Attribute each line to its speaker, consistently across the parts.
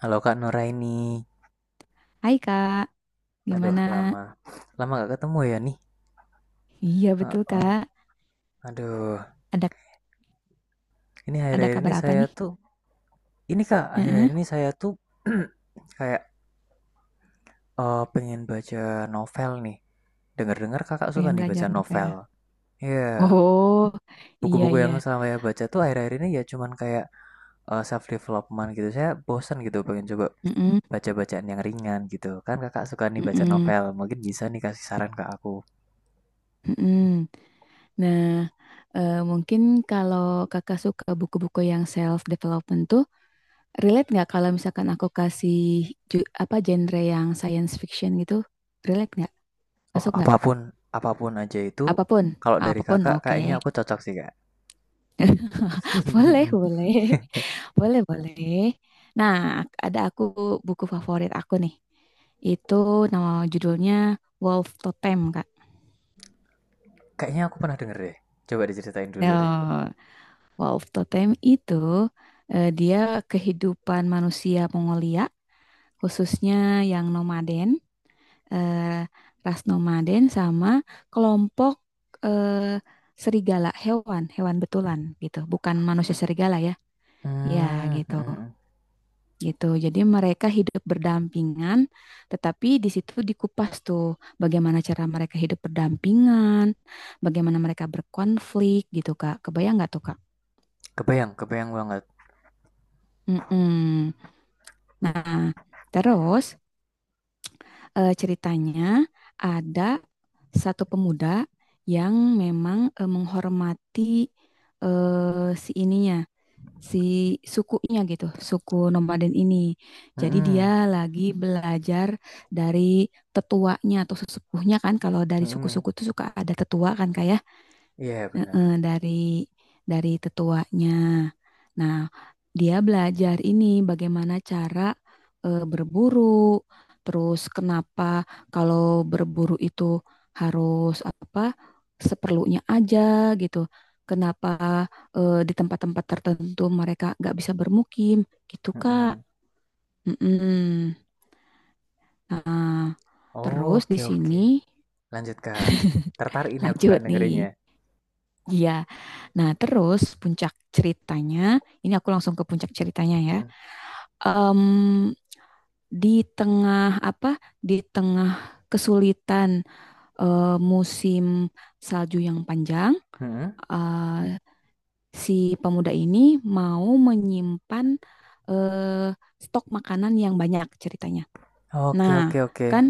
Speaker 1: Halo Kak Nuraini.
Speaker 2: Hai Kak,
Speaker 1: Aduh,
Speaker 2: gimana?
Speaker 1: lama. Lama gak ketemu ya nih.
Speaker 2: Iya betul
Speaker 1: Heeh.
Speaker 2: Kak.
Speaker 1: Aduh,
Speaker 2: Ada
Speaker 1: ini
Speaker 2: ada
Speaker 1: akhir-akhir ini
Speaker 2: kabar apa
Speaker 1: saya
Speaker 2: nih?
Speaker 1: tuh, ini Kak, akhir-akhir
Speaker 2: Heeh,
Speaker 1: ini saya tuh kayak pengen baca novel nih. Dengar-dengar Kakak suka
Speaker 2: pengen
Speaker 1: nih baca
Speaker 2: belajar novel.
Speaker 1: novel. Iya,
Speaker 2: Oh, iya
Speaker 1: buku-buku
Speaker 2: iya.
Speaker 1: yang selama saya baca tuh akhir-akhir ini ya cuman kayak self development gitu. Saya bosan gitu pengen coba
Speaker 2: Mm-mm,
Speaker 1: baca bacaan yang ringan gitu. Kan Kakak suka nih baca
Speaker 2: mm-mm,
Speaker 1: novel, mungkin bisa nih kasih saran ke aku.
Speaker 2: mm-mm. Nah, mungkin kalau Kakak suka buku-buku yang self development tuh, relate nggak kalau misalkan aku kasih apa genre yang science fiction gitu? Relate nggak?
Speaker 1: Oh,
Speaker 2: Masuk nggak?
Speaker 1: apapun apapun aja itu
Speaker 2: Apapun,
Speaker 1: kalau dari
Speaker 2: apapun.
Speaker 1: Kakak
Speaker 2: Oke.
Speaker 1: kayaknya aku cocok sih, Kak.
Speaker 2: Boleh, boleh. Boleh, boleh. Nah, ada aku buku favorit aku nih. Itu nama judulnya Wolf Totem, Kak.
Speaker 1: Kayaknya aku pernah denger deh. Coba diceritain dulu
Speaker 2: Nah,
Speaker 1: deh.
Speaker 2: Wolf Totem itu dia kehidupan manusia Mongolia, khususnya yang nomaden, eh, ras nomaden sama kelompok eh, serigala, hewan, hewan betulan gitu. Bukan manusia serigala ya. Ya,
Speaker 1: Mmm,
Speaker 2: gitu.
Speaker 1: mhm mhm.
Speaker 2: gitu. Jadi mereka hidup berdampingan, tetapi di situ dikupas tuh bagaimana cara mereka hidup berdampingan, bagaimana mereka berkonflik gitu, Kak. Kebayang nggak tuh, Kak?
Speaker 1: Kebayang kebayang banget.
Speaker 2: Mm-mm. Nah, terus ceritanya ada satu pemuda yang memang menghormati si ininya, si sukunya gitu, suku nomaden ini. Jadi
Speaker 1: Mhm,
Speaker 2: dia lagi belajar dari tetuanya atau sesepuhnya kan, kalau dari
Speaker 1: mhm.
Speaker 2: suku-suku tuh suka ada tetua kan kayak.
Speaker 1: Iya bener,
Speaker 2: Heeh, dari tetuanya. Nah, dia belajar ini bagaimana cara berburu, terus kenapa kalau berburu itu harus apa seperlunya aja gitu. Kenapa di tempat-tempat tertentu mereka nggak bisa bermukim gitu, Kak.
Speaker 1: mhm.
Speaker 2: Mm-mm. Nah, terus di
Speaker 1: Oke oke.
Speaker 2: sini
Speaker 1: Lanjut, Kak. Tertarik ini aku, Kak,
Speaker 2: lanjut nih.
Speaker 1: dengerinnya.
Speaker 2: Iya. Nah, terus puncak ceritanya, ini aku langsung ke puncak ceritanya ya.
Speaker 1: Mhm,
Speaker 2: Em, di tengah apa? Di tengah kesulitan musim salju yang panjang,
Speaker 1: mhm.
Speaker 2: eh, si pemuda ini mau menyimpan eh, stok makanan yang banyak ceritanya.
Speaker 1: Oke
Speaker 2: Nah,
Speaker 1: oke oke.
Speaker 2: kan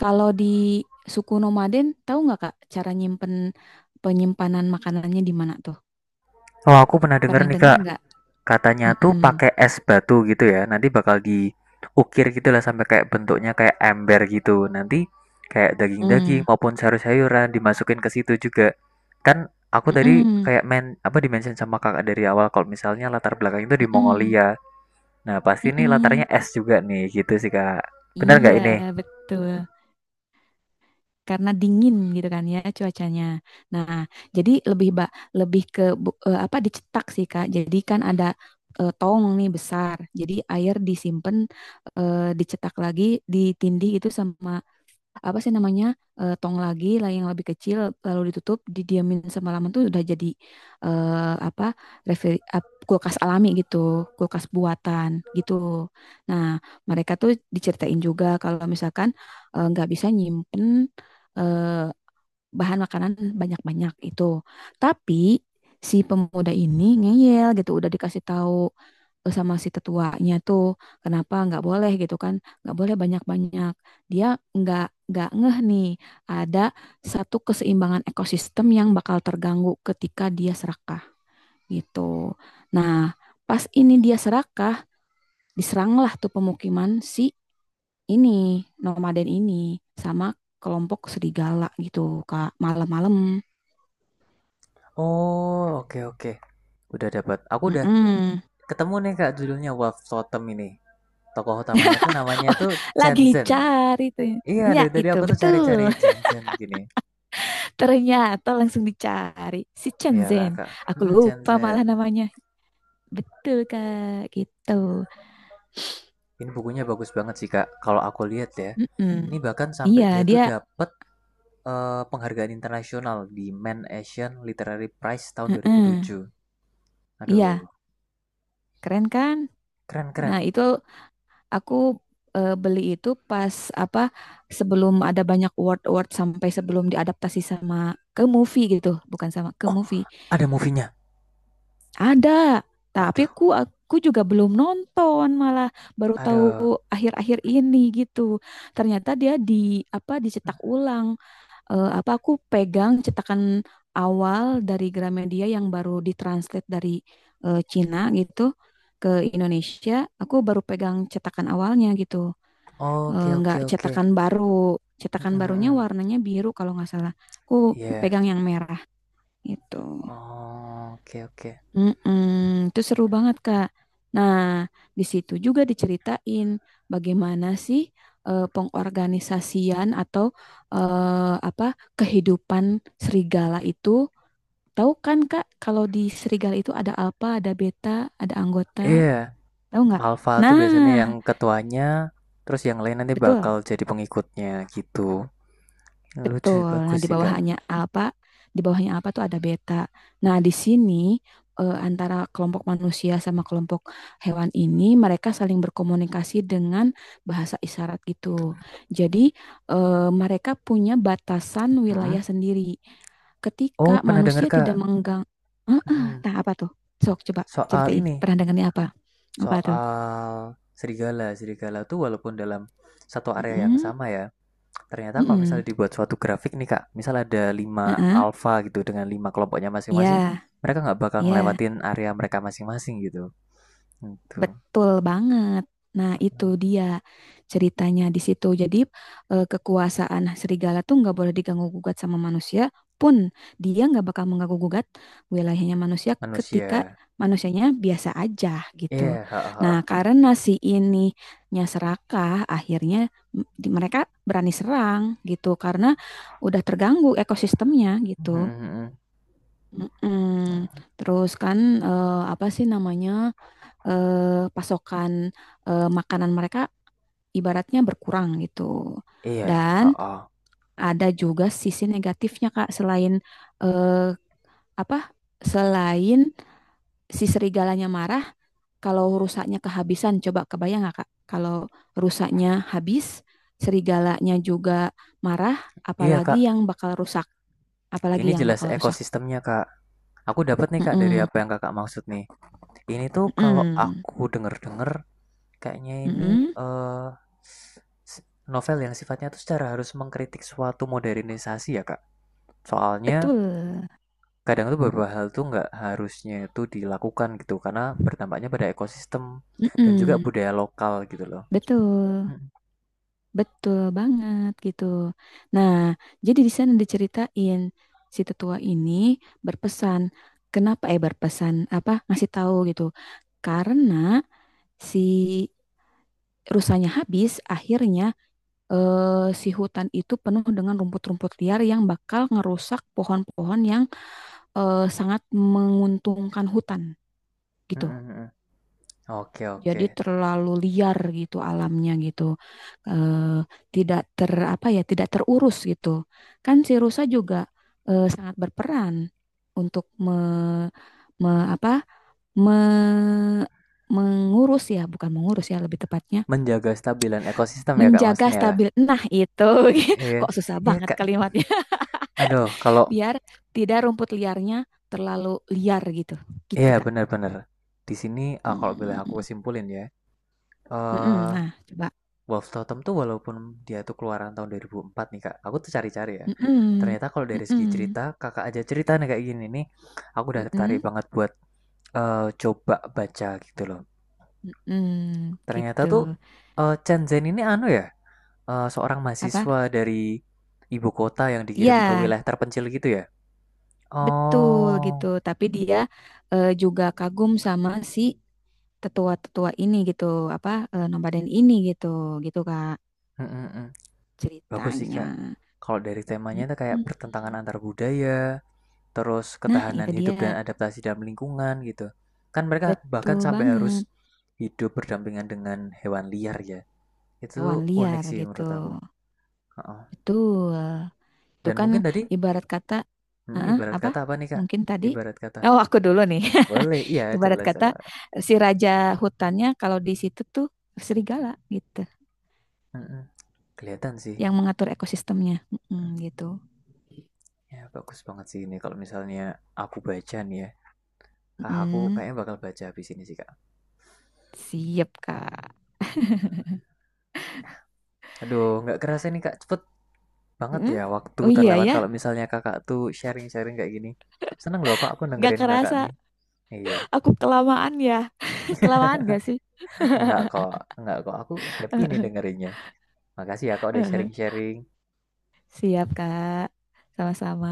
Speaker 2: kalau di suku nomaden, tahu nggak Kak cara nyimpen penyimpanan makanannya di mana tuh?
Speaker 1: Oh, aku pernah denger
Speaker 2: Pernah
Speaker 1: nih,
Speaker 2: dengar
Speaker 1: Kak.
Speaker 2: nggak?
Speaker 1: Katanya tuh
Speaker 2: Mm-mm.
Speaker 1: pakai es batu gitu ya, nanti bakal diukir gitu lah sampai kayak bentuknya kayak ember gitu, nanti kayak daging-daging
Speaker 2: Mmm,
Speaker 1: maupun sayur-sayuran dimasukin ke situ juga. Kan aku tadi
Speaker 2: mhm,
Speaker 1: kayak men apa dimention sama kakak dari awal kalau misalnya latar belakang itu di
Speaker 2: mhm,
Speaker 1: Mongolia, nah pasti ini
Speaker 2: mhm.
Speaker 1: latarnya es juga nih gitu sih kak. Benar nggak
Speaker 2: Iya,
Speaker 1: ini.
Speaker 2: betul. Karena dingin gitu kan ya cuacanya. Nah, jadi lebih ke apa, dicetak sih, Kak. Jadi kan ada tong nih besar. Jadi air disimpan, dicetak lagi, ditindih itu sama apa sih namanya tong lagi lah yang lebih kecil, lalu ditutup didiamin semalaman tuh udah jadi eh, apa kulkas alami gitu, kulkas buatan gitu. Nah, mereka tuh diceritain juga kalau misalkan nggak bisa nyimpen eh, bahan makanan banyak-banyak itu, tapi si pemuda ini ngeyel gitu, udah dikasih tahu sama si tetuanya tuh kenapa nggak boleh gitu kan, nggak boleh banyak-banyak. Dia nggak nggak ngeh nih ada satu keseimbangan ekosistem yang bakal terganggu ketika dia serakah gitu. Nah, pas ini dia serakah, diseranglah tuh pemukiman si ini nomaden ini sama kelompok serigala gitu, Kak, malam-malam.
Speaker 1: Oh, oke oke. Udah dapat. Aku udah
Speaker 2: Mm-mm.
Speaker 1: ketemu nih Kak judulnya Wolf Totem ini. Tokoh utamanya tuh namanya
Speaker 2: Oh,
Speaker 1: tuh Chen
Speaker 2: lagi
Speaker 1: Zhen.
Speaker 2: cari tuh,
Speaker 1: Iya,
Speaker 2: ya
Speaker 1: dari tadi
Speaker 2: itu
Speaker 1: aku tuh cari-cari
Speaker 2: betul.
Speaker 1: Jansen gini.
Speaker 2: Ternyata langsung dicari si Chen
Speaker 1: Iyalah,
Speaker 2: Zhen.
Speaker 1: Kak.
Speaker 2: Aku
Speaker 1: Hmm,
Speaker 2: lupa
Speaker 1: Jansen.
Speaker 2: malah namanya. Betul Kak, gitu.
Speaker 1: Ini bukunya bagus banget sih, Kak. Kalau aku lihat ya.
Speaker 2: Mm-mm.
Speaker 1: Ini bahkan sampai
Speaker 2: Iya,
Speaker 1: dia tuh
Speaker 2: dia
Speaker 1: dapet penghargaan internasional di Man Asian Literary Prize tahun
Speaker 2: mm-mm.
Speaker 1: 2007. Aduh,
Speaker 2: Iya, keren kan? Nah,
Speaker 1: keren-keren.
Speaker 2: itu aku beli itu pas apa sebelum ada banyak award-award, sampai sebelum diadaptasi sama ke movie gitu, bukan sama ke
Speaker 1: Oh,
Speaker 2: movie.
Speaker 1: ada movie-nya.
Speaker 2: Ada, tapi
Speaker 1: Aduh,
Speaker 2: aku juga belum nonton, malah baru tahu
Speaker 1: aduh.
Speaker 2: akhir-akhir ini gitu. Ternyata dia di apa dicetak ulang. Apa aku pegang cetakan awal dari Gramedia yang baru ditranslate dari Cina gitu ke Indonesia. Aku baru pegang cetakan awalnya gitu.
Speaker 1: Oke, oke,
Speaker 2: Nggak
Speaker 1: oke.
Speaker 2: cetakan baru.
Speaker 1: Mm,
Speaker 2: Cetakan
Speaker 1: mm,
Speaker 2: barunya
Speaker 1: mm.
Speaker 2: warnanya biru kalau nggak salah. Aku
Speaker 1: Iya.
Speaker 2: pegang yang merah gitu.
Speaker 1: Oh, oke, oke.
Speaker 2: Mm-mm, itu seru banget, Kak. Nah, di situ juga diceritain bagaimana sih pengorganisasian atau apa kehidupan serigala itu. Tahu kan, Kak, kalau di serigala itu ada alfa, ada beta, ada anggota.
Speaker 1: Iya,
Speaker 2: Tahu nggak?
Speaker 1: Alpha tuh biasanya yang
Speaker 2: Nah,
Speaker 1: ketuanya, terus yang lain nanti
Speaker 2: betul.
Speaker 1: bakal jadi pengikutnya gitu. Lucu,
Speaker 2: Betul. Nah,
Speaker 1: bagus
Speaker 2: di
Speaker 1: sih, Kak.
Speaker 2: bawahnya apa? Di bawahnya apa tuh ada beta. Nah, di sini antara kelompok manusia sama kelompok hewan ini mereka saling berkomunikasi dengan bahasa isyarat gitu. Jadi, eh, mereka punya batasan
Speaker 1: Mhm.
Speaker 2: wilayah sendiri. Ketika
Speaker 1: Oh, pernah dengar,
Speaker 2: manusia
Speaker 1: Kak.
Speaker 2: tidak menggang, ah, ah,
Speaker 1: Mhm.
Speaker 2: nah apa tuh? Sok coba
Speaker 1: Soal
Speaker 2: ceritain
Speaker 1: ini,
Speaker 2: perandangannya apa? Apa tuh?
Speaker 1: soal serigala. Serigala tuh walaupun dalam satu area yang
Speaker 2: Mm-mm.
Speaker 1: sama ya, ternyata kalau
Speaker 2: Mm-mm.
Speaker 1: misalnya dibuat suatu grafik nih, Kak, misal ada lima
Speaker 2: Ah, ah.
Speaker 1: alfa gitu dengan 5 kelompoknya masing-masing,
Speaker 2: Iya,
Speaker 1: mereka nggak bakal
Speaker 2: iya.
Speaker 1: ngelewatin area mereka masing-masing gitu. Itu
Speaker 2: Betul banget. Nah, itu dia ceritanya di situ. Jadi, kekuasaan serigala tuh nggak boleh diganggu-gugat sama manusia pun. Dia nggak bakal mengganggu-gugat wilayahnya manusia ketika
Speaker 1: manusia.
Speaker 2: manusianya biasa aja gitu.
Speaker 1: Iya, heeh heeh.
Speaker 2: Nah, karena si ininya serakah, akhirnya mereka berani serang gitu karena udah terganggu ekosistemnya
Speaker 1: Mhm
Speaker 2: gitu.
Speaker 1: mhm.
Speaker 2: Mm-mm.
Speaker 1: Mmm,
Speaker 2: Terus kan apa sih namanya? Pasokan makanan mereka ibaratnya berkurang gitu.
Speaker 1: iya,
Speaker 2: Dan
Speaker 1: heeh.
Speaker 2: ada juga sisi negatifnya Kak, selain eh, apa? Selain si serigalanya marah, kalau rusaknya kehabisan, coba kebayang nggak Kak? Kalau rusaknya habis, serigalanya juga marah,
Speaker 1: Iya, Kak.
Speaker 2: apalagi yang bakal rusak, apalagi
Speaker 1: Ini
Speaker 2: yang
Speaker 1: jelas
Speaker 2: bakal rusak.
Speaker 1: ekosistemnya, Kak. Aku dapat nih, Kak, dari
Speaker 2: Mm-mm.
Speaker 1: apa yang Kakak maksud nih. Ini tuh kalau
Speaker 2: Mm-mm.
Speaker 1: aku denger-denger kayaknya ini
Speaker 2: Mm-mm.
Speaker 1: eh, novel yang sifatnya tuh secara harus mengkritik suatu modernisasi ya Kak. Soalnya
Speaker 2: Betul.
Speaker 1: kadang tuh beberapa hal tuh nggak harusnya itu dilakukan gitu karena bertampaknya pada ekosistem dan juga
Speaker 2: Mm-mm.
Speaker 1: budaya lokal gitu loh.
Speaker 2: Betul.
Speaker 1: Mm,
Speaker 2: Betul banget gitu. Nah, jadi di sana diceritain si tetua ini berpesan, kenapa berpesan apa ngasih tahu gitu. Karena si rusanya habis, akhirnya eh, si hutan itu penuh dengan rumput-rumput liar yang bakal ngerusak pohon-pohon yang sangat menguntungkan hutan
Speaker 1: mm,
Speaker 2: gitu.
Speaker 1: mm, mm. Oke oke.
Speaker 2: Jadi terlalu liar gitu alamnya gitu. Eh, tidak terurus gitu. Kan si rusa juga sangat berperan untuk me, me- apa? Me- mengurus ya, bukan mengurus ya lebih tepatnya,
Speaker 1: Menjaga stabilan ekosistem ya Kak
Speaker 2: menjaga
Speaker 1: maksudnya.
Speaker 2: stabil. Nah, itu
Speaker 1: Iya,
Speaker 2: kok susah
Speaker 1: iya
Speaker 2: banget
Speaker 1: Kak.
Speaker 2: kalimatnya.
Speaker 1: Aduh, kalau
Speaker 2: Biar tidak rumput liarnya terlalu liar gitu. Gitu,
Speaker 1: iya
Speaker 2: Kak.
Speaker 1: benar-benar. Di sini eh, kalau boleh aku
Speaker 2: Mm.
Speaker 1: kesimpulin ya.
Speaker 2: Mm-mm.
Speaker 1: Eh,
Speaker 2: Nah, coba.
Speaker 1: Wolf Totem tuh walaupun dia tuh keluaran tahun 2004 nih kak, aku tuh cari-cari ya.
Speaker 2: Mm-mm.
Speaker 1: Ternyata kalau dari segi
Speaker 2: Mm-mm.
Speaker 1: cerita, kakak aja cerita nih kayak gini nih, aku udah tertarik
Speaker 2: Mm-mm.
Speaker 1: banget buat coba baca gitu loh.
Speaker 2: Mm,
Speaker 1: Ternyata
Speaker 2: gitu.
Speaker 1: tuh Chen Zhen ini anu ya, seorang
Speaker 2: Apa?
Speaker 1: mahasiswa dari ibu kota yang dikirim ke
Speaker 2: Ya,
Speaker 1: wilayah terpencil gitu ya.
Speaker 2: betul gitu.
Speaker 1: Oh,
Speaker 2: Tapi dia juga kagum sama si tetua-tetua ini gitu. Apa nomaden ini gitu. Gitu Kak
Speaker 1: mm, mm, mm. Bagus sih
Speaker 2: ceritanya.
Speaker 1: kak. Kalau dari temanya tuh kayak pertentangan
Speaker 2: Mm-mm.
Speaker 1: antar budaya, terus
Speaker 2: Nah,
Speaker 1: ketahanan
Speaker 2: itu dia.
Speaker 1: hidup dan adaptasi dalam lingkungan gitu. Kan mereka bahkan
Speaker 2: Betul
Speaker 1: sampai harus
Speaker 2: banget.
Speaker 1: hidup berdampingan dengan hewan liar ya.
Speaker 2: Hewan
Speaker 1: Itu unik
Speaker 2: liar
Speaker 1: sih
Speaker 2: gitu.
Speaker 1: menurut aku. Heeh.
Speaker 2: Betul. Itu
Speaker 1: Dan
Speaker 2: kan
Speaker 1: mungkin tadi
Speaker 2: ibarat kata,
Speaker 1: hmm,
Speaker 2: heeh,
Speaker 1: ibarat kata
Speaker 2: apa?
Speaker 1: apa nih Kak?
Speaker 2: Mungkin tadi
Speaker 1: Ibarat kata.
Speaker 2: oh, aku dulu nih.
Speaker 1: Boleh, iya
Speaker 2: Ibarat
Speaker 1: jelas
Speaker 2: kata
Speaker 1: Kak.
Speaker 2: si raja hutannya kalau di situ tuh serigala gitu,
Speaker 1: Mm-mm. Kelihatan sih.
Speaker 2: yang mengatur ekosistemnya.
Speaker 1: Mm,
Speaker 2: Mm, gitu.
Speaker 1: ya bagus banget sih ini kalau misalnya aku baca nih ya. Ah, aku
Speaker 2: Mm,
Speaker 1: kayaknya bakal baca habis ini sih Kak.
Speaker 2: siap Kak.
Speaker 1: Aduh, nggak kerasa nih Kak. Cepet banget
Speaker 2: Mm,
Speaker 1: ya waktu
Speaker 2: oh iya
Speaker 1: terlewat kalau
Speaker 2: ya,
Speaker 1: misalnya kakak tuh sharing-sharing kayak gini. Seneng loh kok aku
Speaker 2: gak
Speaker 1: dengerin kakak
Speaker 2: kerasa.
Speaker 1: nih. Iya,
Speaker 2: Aku kelamaan ya? Kelamaan gak sih?
Speaker 1: enggak kok, enggak kok. Aku happy nih dengerinnya. Makasih ya kak udah sharing-sharing.
Speaker 2: Siap Kak, sama-sama.